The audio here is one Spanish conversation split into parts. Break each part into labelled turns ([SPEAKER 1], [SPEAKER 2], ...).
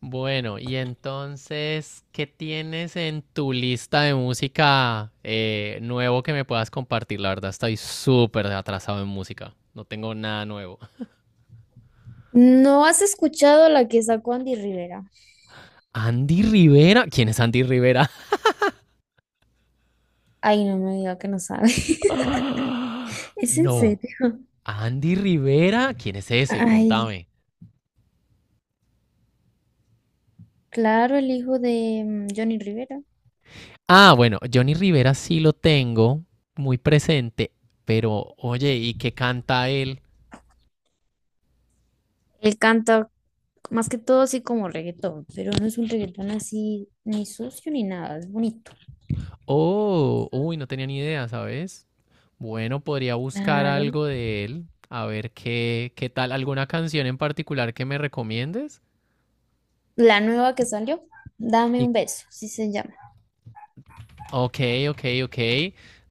[SPEAKER 1] Bueno, y entonces, ¿qué tienes en tu lista de música nuevo que me puedas compartir? La verdad, estoy súper atrasado en música. No tengo nada nuevo.
[SPEAKER 2] ¿No has escuchado la que sacó Andy Rivera?
[SPEAKER 1] Andy Rivera. ¿Quién es Andy Rivera?
[SPEAKER 2] Ay, no me diga que no sabe.
[SPEAKER 1] Ah,
[SPEAKER 2] ¿Es en
[SPEAKER 1] no.
[SPEAKER 2] serio?
[SPEAKER 1] Andy Rivera. ¿Quién es ese?
[SPEAKER 2] Ay,
[SPEAKER 1] Contame.
[SPEAKER 2] claro, el hijo de Johnny Rivera.
[SPEAKER 1] Ah, bueno, Johnny Rivera sí lo tengo muy presente, pero oye, ¿y qué canta él?
[SPEAKER 2] Él canta más que todo así como reggaetón, pero no es un reggaetón así ni sucio ni nada, es bonito.
[SPEAKER 1] Oh, uy, no tenía ni idea, ¿sabes? Bueno, podría buscar
[SPEAKER 2] Claro.
[SPEAKER 1] algo de él, a ver qué tal, alguna canción en particular que me recomiendes.
[SPEAKER 2] La nueva que salió, Dame
[SPEAKER 1] Y,
[SPEAKER 2] un beso, sí se llama.
[SPEAKER 1] ok, ok, ok,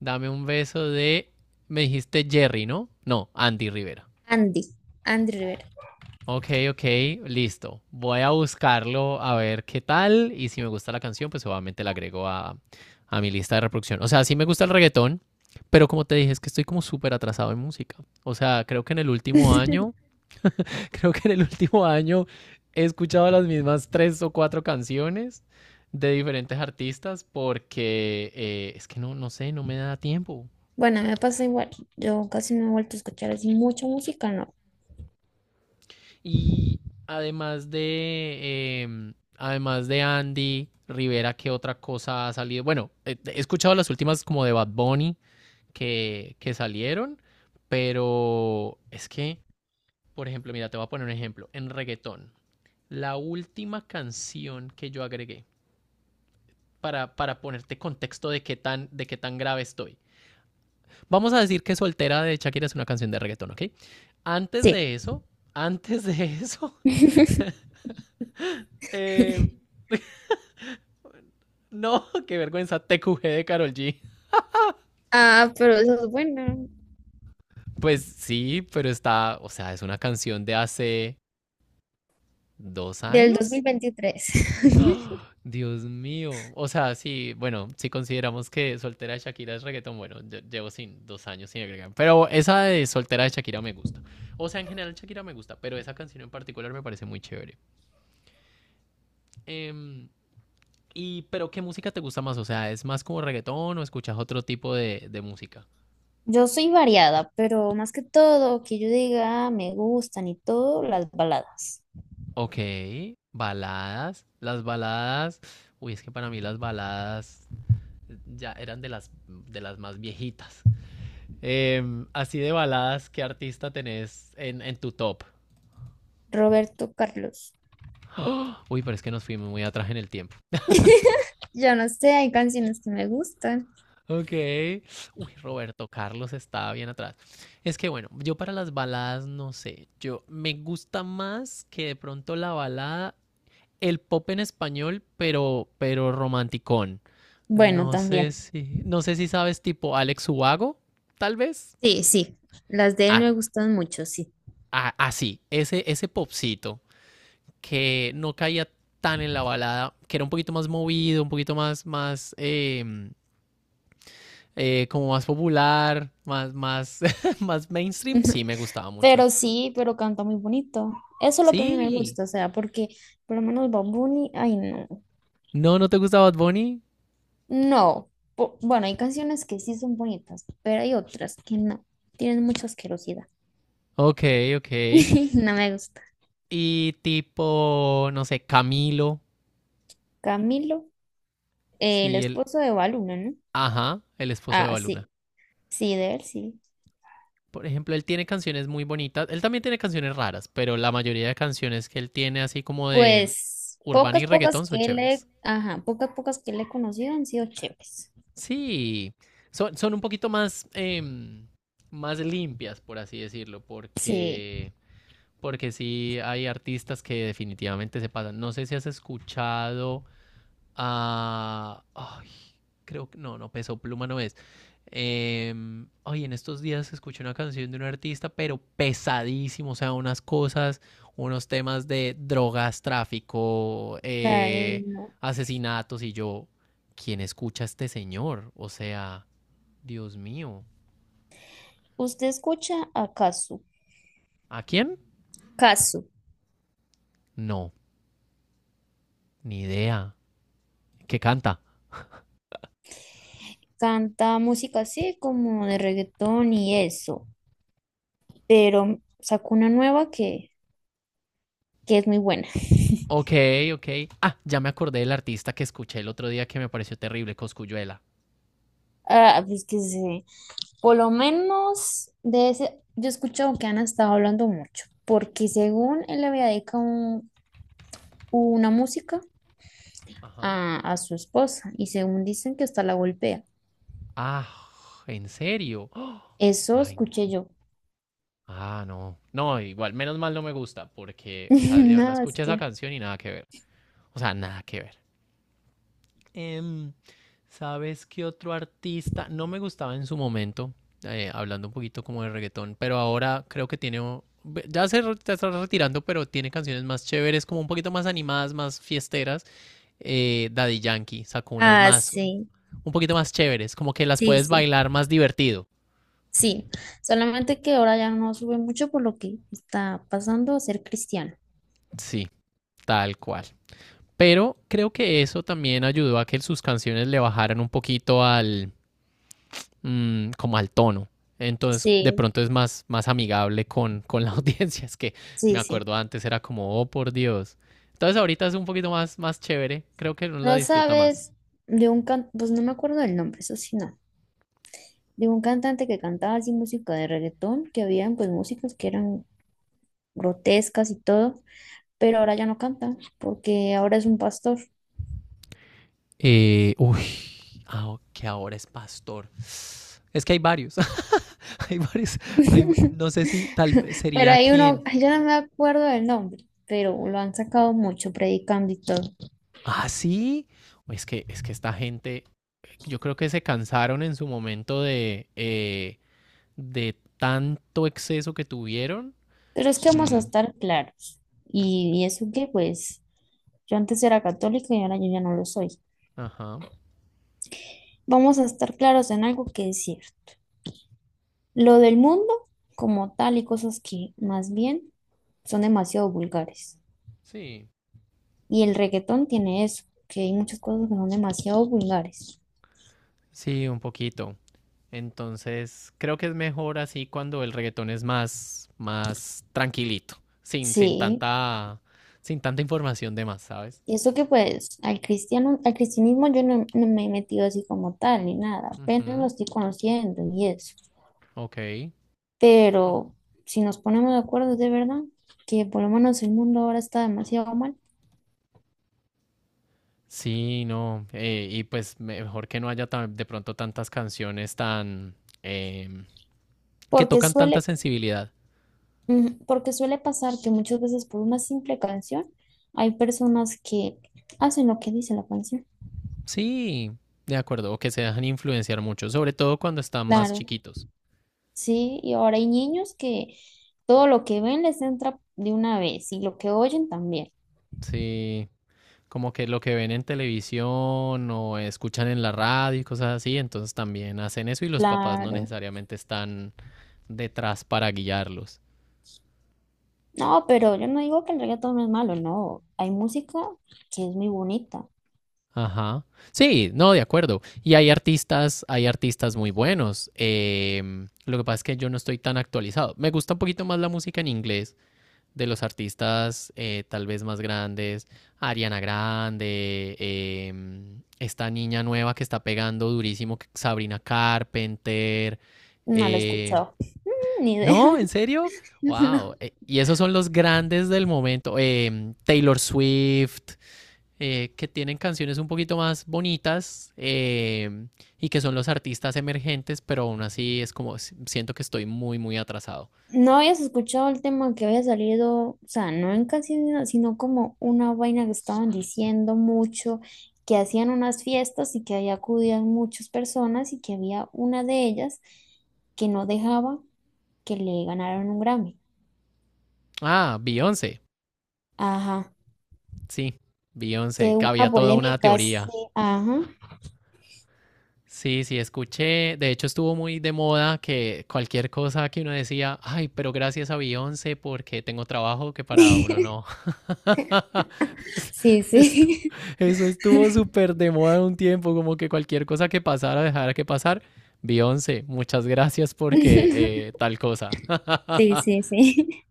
[SPEAKER 1] dame un beso me dijiste Jerry, ¿no? No, Andy Rivera.
[SPEAKER 2] Andy, Andy Rivera.
[SPEAKER 1] Ok, ok, listo. Voy a buscarlo a ver qué tal y si me gusta la canción, pues obviamente la agrego a mi lista de reproducción. O sea, sí me gusta el reggaetón, pero como te dije, es que estoy como súper atrasado en música. O sea, creo que en el último año Creo que en el último año he escuchado las mismas tres o cuatro canciones de diferentes artistas porque es que no, no sé, no me da tiempo.
[SPEAKER 2] Bueno, me pasa igual. Yo casi no he vuelto a escuchar así mucha música, no.
[SPEAKER 1] Y además de, además de Andy Rivera, ¿qué otra cosa ha salido? Bueno, he escuchado las últimas como de Bad Bunny que salieron, pero es que, por ejemplo, mira, te voy a poner un ejemplo. En reggaetón, la última canción que yo agregué para ponerte contexto de qué tan grave estoy. Vamos a decir que Soltera de Shakira es una canción de reggaetón, ¿ok? Antes
[SPEAKER 2] Sí.
[SPEAKER 1] de eso, antes de eso, eh, no, qué vergüenza, TQG de Carol G.
[SPEAKER 2] Ah, pero eso es bueno.
[SPEAKER 1] Pues sí, pero está, o sea, es una canción de hace dos
[SPEAKER 2] Del dos mil
[SPEAKER 1] años,
[SPEAKER 2] veintitrés.
[SPEAKER 1] ¡Ah! Dios mío. O sea, sí, bueno, si consideramos que soltera de Shakira es reggaetón, bueno, llevo sin 2 años sin agregar. Pero esa de soltera de Shakira me gusta. O sea, en general Shakira me gusta, pero esa canción en particular me parece muy chévere. Em, pero ¿qué música te gusta más? O sea, ¿es más como reggaetón o escuchas otro tipo de música?
[SPEAKER 2] Yo soy variada, pero más que todo, que yo diga "Ah, me gustan y todo, las baladas".
[SPEAKER 1] Ok, baladas. Las baladas. Uy, es que para mí las baladas ya eran de las más viejitas. Así de baladas, ¿qué artista tenés en tu top?
[SPEAKER 2] Roberto Carlos.
[SPEAKER 1] ¡Oh! Uy, pero es que nos fuimos muy atrás en el tiempo.
[SPEAKER 2] Yo no sé, hay canciones que me gustan.
[SPEAKER 1] Ok. Uy, Roberto Carlos estaba bien atrás. Es que bueno, yo para las baladas no sé. Yo me gusta más que de pronto la balada, el pop en español, pero romanticón.
[SPEAKER 2] Bueno,
[SPEAKER 1] No sé
[SPEAKER 2] también.
[SPEAKER 1] si, no sé si sabes tipo Alex Ubago, tal vez.
[SPEAKER 2] Sí, sí, las de él
[SPEAKER 1] Ah,
[SPEAKER 2] me gustan mucho, sí.
[SPEAKER 1] ah, ah, sí, ese popcito que no caía tan en la balada, que era un poquito más movido, un poquito como más popular, más mainstream, sí me gustaba mucho.
[SPEAKER 2] Pero sí, pero canta muy bonito. Eso es lo que a mí me
[SPEAKER 1] Sí.
[SPEAKER 2] gusta, o sea, porque por lo menos Bad Bunny, ay no.
[SPEAKER 1] No, ¿no te gusta Bad Bunny?
[SPEAKER 2] No. Bueno, hay canciones que sí son bonitas, pero hay otras que no. Tienen mucha asquerosidad.
[SPEAKER 1] Ok, ok.
[SPEAKER 2] No me gusta.
[SPEAKER 1] Y tipo, no sé, Camilo,
[SPEAKER 2] Camilo, el
[SPEAKER 1] sí, el,
[SPEAKER 2] esposo de Baluna, ¿no?
[SPEAKER 1] ajá, el esposo de
[SPEAKER 2] Ah,
[SPEAKER 1] Baluna.
[SPEAKER 2] sí, sí, de él, sí.
[SPEAKER 1] Por ejemplo, él tiene canciones muy bonitas. Él también tiene canciones raras, pero la mayoría de canciones que él tiene, así como de
[SPEAKER 2] Pues
[SPEAKER 1] urbana
[SPEAKER 2] pocas,
[SPEAKER 1] y
[SPEAKER 2] pocas
[SPEAKER 1] reggaetón, son
[SPEAKER 2] que
[SPEAKER 1] chéveres.
[SPEAKER 2] le, ajá, pocas, pocas que le he conocido han sido chéveres.
[SPEAKER 1] Sí, son un poquito más, más limpias, por así decirlo,
[SPEAKER 2] Sí.
[SPEAKER 1] porque sí hay artistas que definitivamente se pasan. No sé si has escuchado a... Ay, creo que no, Peso Pluma no es. Ay, en estos días escuché una canción de un artista, pero pesadísimo, o sea, unas cosas, unos temas de drogas, tráfico,
[SPEAKER 2] La de-
[SPEAKER 1] asesinatos, y yo, ¿quién escucha a este señor? O sea, Dios mío.
[SPEAKER 2] ¿Usted escucha a Kazu?
[SPEAKER 1] ¿A quién?
[SPEAKER 2] Kazu.
[SPEAKER 1] No, ni idea. ¿Qué canta?
[SPEAKER 2] Canta música así como de reggaetón y eso, pero sacó una nueva que es muy buena.
[SPEAKER 1] Ok, ok. Ah, ya me acordé del artista que escuché el otro día que me pareció terrible, Cosculluela.
[SPEAKER 2] Ah, pues que sí. Por lo menos de ese, yo he escuchado que han estado hablando mucho, porque según él le había dedicado una música
[SPEAKER 1] Ajá.
[SPEAKER 2] a su esposa y según dicen que hasta la golpea.
[SPEAKER 1] Ah, ¿en serio? ¡Oh!
[SPEAKER 2] Eso
[SPEAKER 1] Ay,
[SPEAKER 2] escuché yo.
[SPEAKER 1] ah, no. No, igual, menos mal no me gusta, porque, o sea, de verdad
[SPEAKER 2] Nada, es
[SPEAKER 1] escuché esa
[SPEAKER 2] que...
[SPEAKER 1] canción y nada que ver. O sea, nada que ver. Em, ¿sabes qué otro artista? No me gustaba en su momento, hablando un poquito como de reggaetón, pero ahora creo que tiene, o- ve- ya se re- ya está retirando, pero tiene canciones más chéveres, como un poquito más animadas, más fiesteras. Daddy Yankee sacó unas
[SPEAKER 2] Ah,
[SPEAKER 1] más,
[SPEAKER 2] sí,
[SPEAKER 1] un poquito más chéveres, como que las
[SPEAKER 2] sí,
[SPEAKER 1] puedes
[SPEAKER 2] sí.
[SPEAKER 1] bailar más divertido.
[SPEAKER 2] Sí, solamente que ahora ya no sube mucho por lo que está pasando a ser cristiano.
[SPEAKER 1] Sí, tal cual. Pero creo que eso también ayudó a que sus canciones le bajaran un poquito como al tono. Entonces, de
[SPEAKER 2] Sí.
[SPEAKER 1] pronto es más amigable con la audiencia. Es que me
[SPEAKER 2] Sí, sí.
[SPEAKER 1] acuerdo antes era como, oh, por Dios. Entonces, ahorita es un poquito más chévere. Creo que uno la
[SPEAKER 2] No
[SPEAKER 1] disfruta más.
[SPEAKER 2] sabes de un cantante, pues no me acuerdo del nombre, eso sí, no. De un cantante que cantaba así música de reggaetón, que habían pues músicas que eran grotescas y todo, pero ahora ya no canta, porque ahora es un pastor.
[SPEAKER 1] Uy, ah, ok, que ahora es pastor. Es que hay varios. Hay varios. No sé si tal vez
[SPEAKER 2] Pero
[SPEAKER 1] sería
[SPEAKER 2] hay uno,
[SPEAKER 1] quién.
[SPEAKER 2] ay, yo no me acuerdo del nombre, pero lo han sacado mucho predicando y todo.
[SPEAKER 1] Ah, sí. Uy, es que esta gente yo creo que se cansaron en su momento de tanto exceso que tuvieron.
[SPEAKER 2] Pero es que vamos a
[SPEAKER 1] Mm,
[SPEAKER 2] estar claros. Y eso que pues yo antes era católica y ahora yo ya no lo soy.
[SPEAKER 1] ajá.
[SPEAKER 2] Vamos a estar claros en algo que es cierto. Lo del mundo como tal y cosas que más bien son demasiado vulgares.
[SPEAKER 1] Sí.
[SPEAKER 2] Y el reggaetón tiene eso, que hay muchas cosas que son demasiado vulgares.
[SPEAKER 1] Sí, un poquito. Entonces, creo que es mejor así cuando el reggaetón es más tranquilito, sin, sin
[SPEAKER 2] Sí,
[SPEAKER 1] tanta, sin tanta información de más, ¿sabes?
[SPEAKER 2] y eso que pues al cristiano, al cristianismo yo no me he metido así como tal ni nada, apenas lo
[SPEAKER 1] Ujú,
[SPEAKER 2] estoy conociendo y eso.
[SPEAKER 1] ok. Oh.
[SPEAKER 2] Pero si nos ponemos de acuerdo de verdad, que por lo menos el mundo ahora está demasiado mal,
[SPEAKER 1] Sí, no. Y pues mejor que no haya de pronto tantas canciones em, que
[SPEAKER 2] porque
[SPEAKER 1] tocan tanta
[SPEAKER 2] suele,
[SPEAKER 1] sensibilidad.
[SPEAKER 2] ujú, porque suele pasar que muchas veces por una simple canción hay personas que hacen lo que dice la canción.
[SPEAKER 1] Sí, de acuerdo, o que se dejan influenciar mucho, sobre todo cuando están más
[SPEAKER 2] Claro.
[SPEAKER 1] chiquitos.
[SPEAKER 2] Sí, y ahora hay niños que todo lo que ven les entra de una vez y lo que oyen también.
[SPEAKER 1] Sí, como que lo que ven en televisión o escuchan en la radio y cosas así, entonces también hacen eso y los papás no
[SPEAKER 2] Claro.
[SPEAKER 1] necesariamente están detrás para guiarlos.
[SPEAKER 2] No, pero yo no digo que el reggaetón no es malo, no. Hay música que es muy bonita.
[SPEAKER 1] Ajá. Sí, no, de acuerdo. Y hay artistas muy buenos. Lo que pasa es que yo no estoy tan actualizado. Me gusta un poquito más la música en inglés de los artistas tal vez más grandes, Ariana Grande, esta niña nueva que está pegando durísimo, Sabrina Carpenter.
[SPEAKER 2] No la he
[SPEAKER 1] eh,
[SPEAKER 2] escuchado. Ni idea.
[SPEAKER 1] no, ¿en serio? Wow.
[SPEAKER 2] No.
[SPEAKER 1] Y esos son los grandes del momento. Taylor Swift, que tienen canciones un poquito más bonitas y que son los artistas emergentes, pero aún así es como, siento que estoy muy, muy atrasado.
[SPEAKER 2] No habías escuchado el tema que había salido, o sea, no en canciones, sino como una vaina que estaban diciendo mucho, que hacían unas fiestas y que ahí acudían muchas personas y que había una de ellas que no dejaba que le ganaron un Grammy.
[SPEAKER 1] Ah, Beyoncé.
[SPEAKER 2] Ajá.
[SPEAKER 1] Sí, Beyoncé,
[SPEAKER 2] Que
[SPEAKER 1] que
[SPEAKER 2] hubo una
[SPEAKER 1] había toda una
[SPEAKER 2] polémica, sí,
[SPEAKER 1] teoría.
[SPEAKER 2] ajá.
[SPEAKER 1] Sí, sí, escuché. De hecho, estuvo muy de moda que cualquier cosa que uno decía, ay, pero gracias a Beyoncé porque tengo trabajo que para uno no. Es-
[SPEAKER 2] Sí,
[SPEAKER 1] Esto,
[SPEAKER 2] sí.
[SPEAKER 1] eso estuvo súper de moda un tiempo, como que cualquier cosa que pasara, dejara que pasar. Beyoncé, muchas gracias porque tal cosa.
[SPEAKER 2] Sí, sí, sí.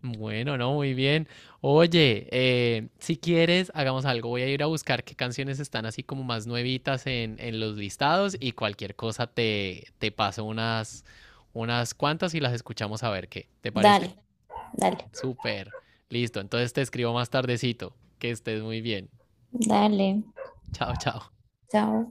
[SPEAKER 1] Bueno, no, muy bien. Oye, si quieres, hagamos algo. Voy a ir a buscar qué canciones están así como más nuevitas en los listados y cualquier cosa te paso unas, cuantas y las escuchamos a ver qué. ¿Te
[SPEAKER 2] Dale,
[SPEAKER 1] parece?
[SPEAKER 2] dale,
[SPEAKER 1] Súper. Listo. Entonces te escribo más tardecito. Que estés muy bien.
[SPEAKER 2] dale.
[SPEAKER 1] Chao, chao.
[SPEAKER 2] Chao.